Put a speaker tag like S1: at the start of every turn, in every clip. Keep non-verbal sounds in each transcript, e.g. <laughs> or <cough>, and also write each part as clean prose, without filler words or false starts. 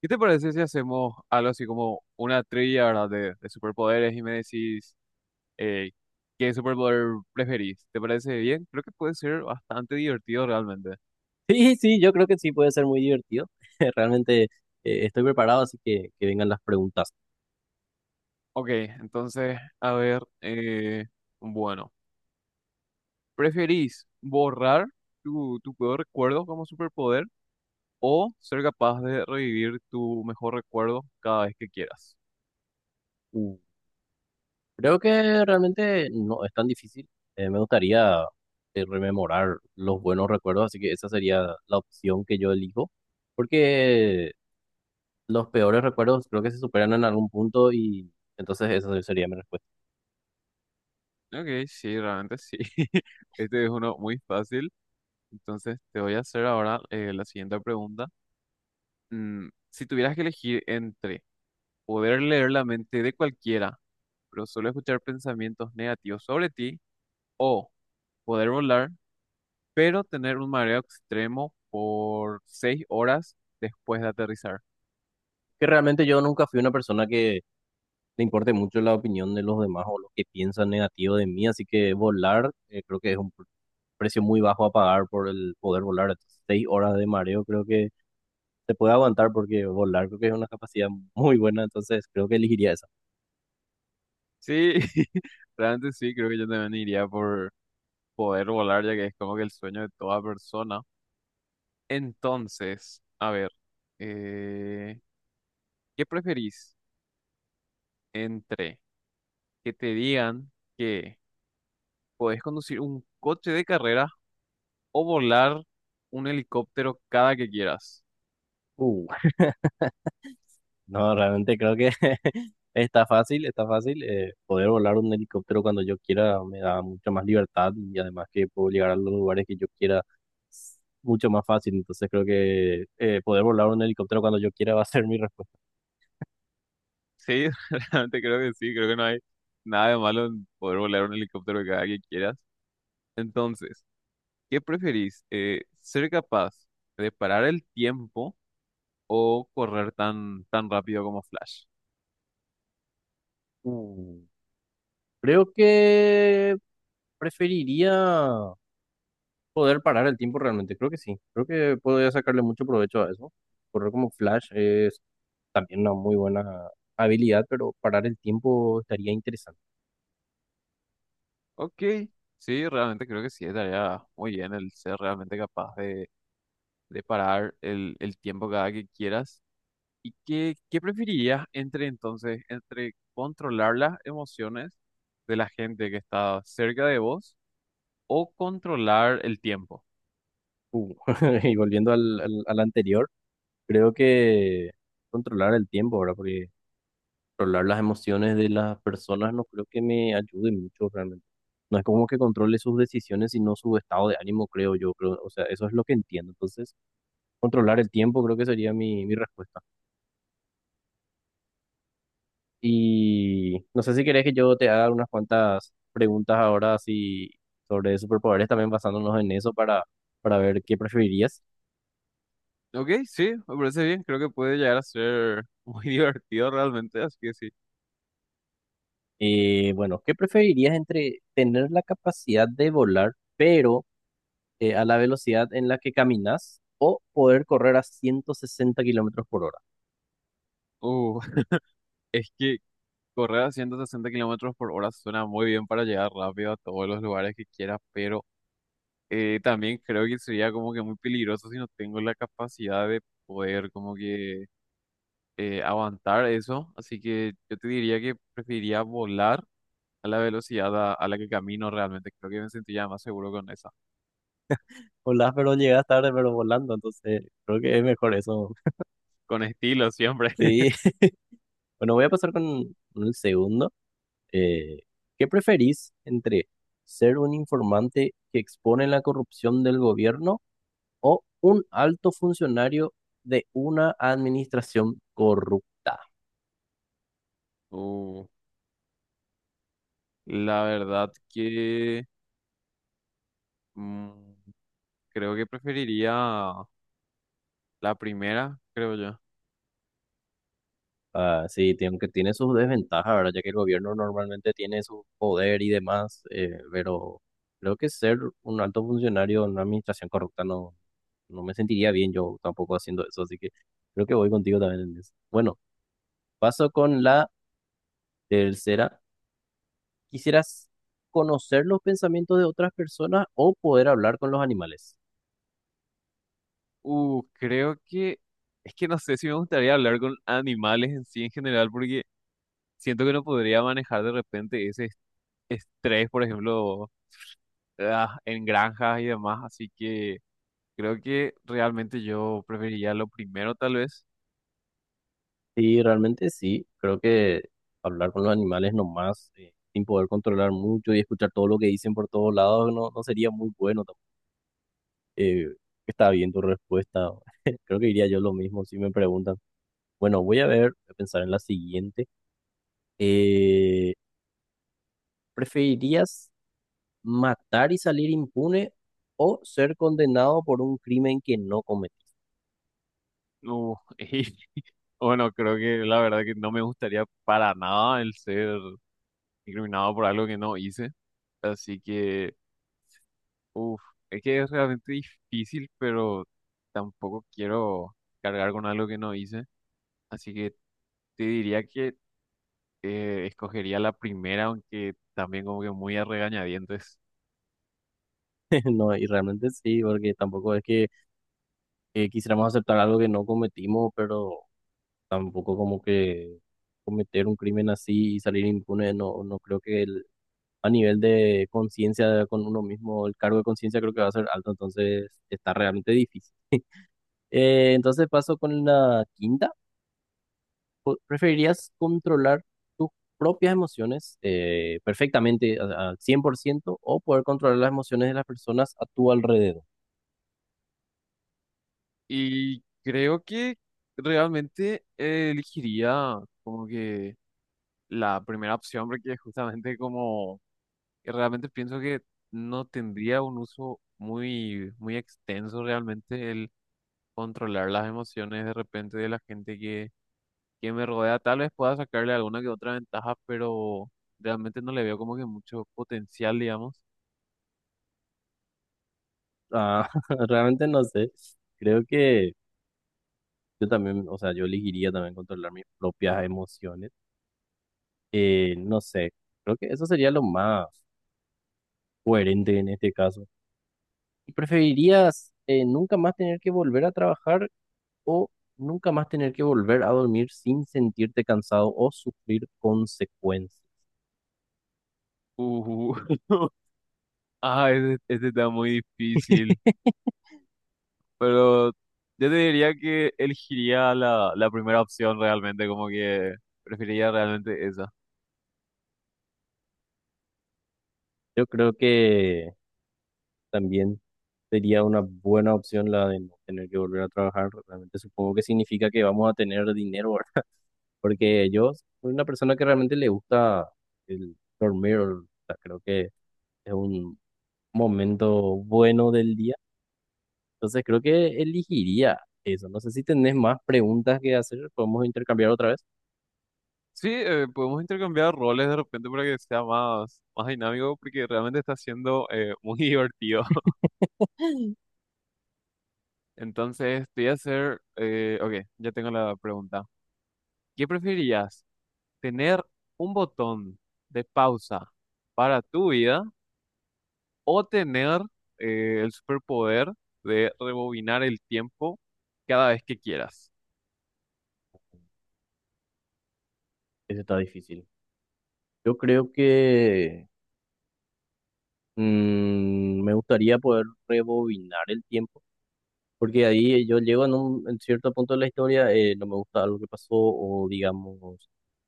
S1: ¿Qué te parece si hacemos algo así como una trivia, ¿verdad? De superpoderes y me decís eh, qué superpoder preferís. ¿Te parece bien? Creo que puede ser bastante divertido realmente.
S2: Sí, sí, yo creo que sí puede ser muy divertido. <laughs> Realmente estoy preparado, así que vengan las preguntas.
S1: Ok, entonces, a ver, bueno, ¿preferís borrar tu peor recuerdo como superpoder o ser capaz de revivir tu mejor recuerdo cada vez que quieras?
S2: Uh, Creo que realmente no es tan difícil. Me gustaría rememorar los buenos recuerdos, así que esa sería la opción que yo elijo, porque los peores recuerdos creo que se superan en algún punto y entonces esa sería mi respuesta.
S1: Ok, sí, realmente sí. <laughs> Este es uno muy fácil. Entonces, te voy a hacer ahora la siguiente pregunta. Si tuvieras que elegir entre poder leer la mente de cualquiera, pero solo escuchar pensamientos negativos sobre ti, o poder volar, pero tener un mareo extremo por seis horas después de aterrizar.
S2: Que realmente yo nunca fui una persona que le importe mucho la opinión de los demás o lo que piensan negativo de mí, así que volar, creo que es un precio muy bajo a pagar por el poder volar. Entonces, 6 horas de mareo creo que se puede aguantar porque volar creo que es una capacidad muy buena, entonces creo que elegiría esa.
S1: Sí, <laughs> realmente sí, creo que yo también iría por poder volar, ya que es como que el sueño de toda persona. Entonces, a ver, eh, ¿qué preferís entre que te digan que podés conducir un coche de carreras o volar un helicóptero cada que quieras?
S2: Uh, no, realmente creo que <laughs> está fácil, está fácil. Poder volar un helicóptero cuando yo quiera me da mucha más libertad y además que puedo llegar a los lugares que yo quiera mucho más fácil, entonces creo que poder volar un helicóptero cuando yo quiera va a ser mi respuesta.
S1: Sí, <laughs> realmente creo que sí, creo que no hay nada de malo en poder volar un helicóptero cada que quieras. Entonces, ¿qué preferís? ¿Ser capaz de parar el tiempo o correr tan rápido como Flash?
S2: Uh, Creo que preferiría poder parar el tiempo realmente, creo que sí, creo que podría sacarle mucho provecho a eso. Correr como Flash es también una muy buena habilidad, pero parar el tiempo estaría interesante.
S1: Ok, sí, realmente creo que sí, estaría muy bien el ser realmente capaz de parar el tiempo cada que quieras. ¿Y qué preferirías entre entonces, entre controlar las emociones de la gente que está cerca de vos o controlar el tiempo?
S2: Uh, <laughs> y volviendo al anterior, creo que controlar el tiempo ahora, porque controlar las emociones de las personas no creo que me ayude mucho realmente. No es como que controle sus decisiones, sino su estado de ánimo, creo yo, creo, o sea, eso es lo que entiendo. Entonces, controlar el tiempo creo que sería mi respuesta. Y no sé si querés que yo te haga unas cuantas preguntas ahora así sobre superpoderes, también basándonos en eso para ver qué preferirías.
S1: Ok, sí, me parece bien, creo que puede llegar a ser muy <laughs> divertido realmente, así que sí.
S2: Bueno, ¿qué preferirías entre tener la capacidad de volar, pero a la velocidad en la que caminas, o poder correr a 160 kilómetros por hora?
S1: Uh, <laughs> es que correr a 160 kilómetros por hora suena muy bien para llegar rápido a todos los lugares que quieras, pero también creo que sería como que muy peligroso si no tengo la capacidad de poder como que aguantar eso, así que yo te diría que preferiría volar a la velocidad a la que camino realmente. Creo que me sentiría más seguro con esa,
S2: Volás, pero llegas tarde, pero volando, entonces creo que es mejor eso. <laughs>
S1: con estilo siempre. <laughs>
S2: Sí, bueno, voy a pasar con el segundo. Eh, ¿Qué preferís entre ser un informante que expone la corrupción del gobierno o un alto funcionario de una administración corrupta?
S1: Uh, la verdad que mm, creo que preferiría la primera, creo yo.
S2: Ah, sí, aunque tiene sus desventajas, ¿verdad? Ya que el gobierno normalmente tiene su poder y demás, pero creo que ser un alto funcionario en una administración corrupta no, no me sentiría bien yo tampoco haciendo eso, así que creo que voy contigo también en eso. Bueno, paso con la tercera. ¿Quisieras conocer los pensamientos de otras personas o poder hablar con los animales?
S1: Creo que es que no sé si me gustaría hablar con animales en sí en general, porque siento que no podría manejar de repente estrés, por ejemplo, ah, en granjas y demás, así que creo que realmente yo preferiría lo primero, tal vez.
S2: Sí, realmente sí. Creo que hablar con los animales nomás, sin poder controlar mucho y escuchar todo lo que dicen por todos lados, no, no sería muy bueno. Eh, Está bien tu respuesta. <laughs> Creo que diría yo lo mismo si me preguntan. Bueno, voy a ver, voy a pensar en la siguiente. Eh, ¿Preferirías matar y salir impune o ser condenado por un crimen que no cometiste?
S1: Uh, <laughs> y bueno, creo que la verdad que no me gustaría para nada el ser incriminado por algo que no hice. Así que, uff, es que es realmente difícil, pero tampoco quiero cargar con algo que no hice. Así que te diría que escogería la primera, aunque también como que muy a regañadientes.
S2: <laughs> No, y realmente sí, porque tampoco es que quisiéramos aceptar algo que no cometimos, pero tampoco como que cometer un crimen así y salir impune, no, no creo que el, a nivel de conciencia con uno mismo, el cargo de conciencia creo que va a ser alto, entonces está realmente difícil. Entonces paso con la quinta. ¿Preferirías controlar tus propias emociones perfectamente al 100% o poder controlar las emociones de las personas a tu alrededor?
S1: Y creo que realmente elegiría como que la primera opción porque justamente como y realmente pienso que no tendría un uso muy extenso realmente el controlar las emociones de repente de la gente que me rodea. Tal vez pueda sacarle alguna que otra ventaja, pero realmente no le veo como que mucho potencial, digamos.
S2: Ah, <laughs> realmente no sé. Creo que yo también, o sea, yo elegiría también controlar mis propias emociones. No sé, creo que eso sería lo más coherente en este caso. ¿Y preferirías nunca más tener que volver a trabajar o nunca más tener que volver a dormir sin sentirte cansado o sufrir consecuencias?
S1: Uh, <laughs> Ah, este <laughs> está muy difícil, pero yo te diría que elegiría la primera opción realmente, como que preferiría realmente esa.
S2: Yo creo que también sería una buena opción la de no tener que volver a trabajar. Realmente supongo que significa que vamos a tener dinero, porque yo soy una persona que realmente le gusta el dormir, o sea, creo que es un momento bueno del día. Entonces creo que elegiría eso. No sé si tenés más preguntas que hacer, podemos intercambiar otra vez.
S1: Sí, podemos intercambiar roles de repente para que sea más dinámico, porque realmente está siendo muy <laughs> divertido. Entonces, te voy a hacer, ok, ya tengo la pregunta. ¿Qué preferirías? ¿Tener un botón de pausa para tu vida o tener el superpoder de rebobinar el tiempo cada vez que quieras?
S2: Eso está difícil. Yo creo que me gustaría poder rebobinar el tiempo, porque ahí yo llego en un en cierto punto de la historia, no me gusta algo que pasó o digamos,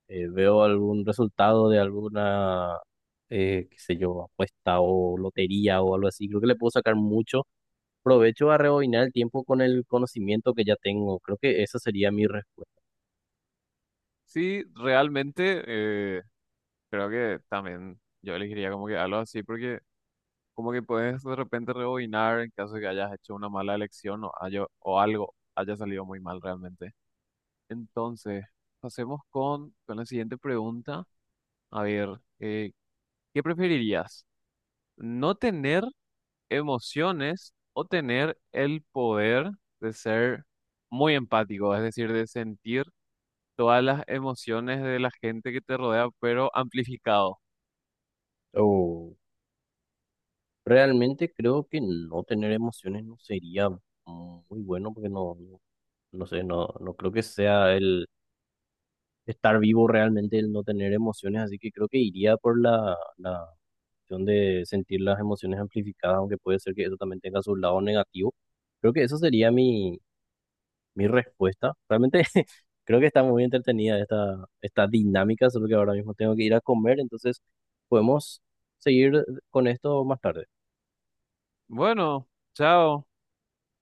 S2: veo algún resultado de alguna, qué sé yo, apuesta o lotería o algo así. Creo que le puedo sacar mucho provecho a rebobinar el tiempo con el conocimiento que ya tengo. Creo que esa sería mi respuesta.
S1: Sí, realmente creo que también yo elegiría como que algo así, porque como que puedes de repente rebobinar en caso de que hayas hecho una mala elección o, o algo haya salido muy mal realmente. Entonces, pasemos con la siguiente pregunta. A ver, eh, ¿qué preferirías? ¿No tener emociones o tener el poder de ser muy empático? Es decir, de sentir todas las emociones de la gente que te rodea, pero amplificado.
S2: O realmente creo que no tener emociones no sería muy bueno porque no, no no sé, no, no creo que sea el estar vivo realmente, el no tener emociones, así que creo que iría por la opción de sentir las emociones amplificadas, aunque puede ser que eso también tenga su lado negativo. Creo que eso sería mi respuesta. Realmente <laughs> creo que está muy entretenida esta dinámica, solo que ahora mismo tengo que ir a comer, entonces podemos seguir con esto más tarde.
S1: Bueno, chao.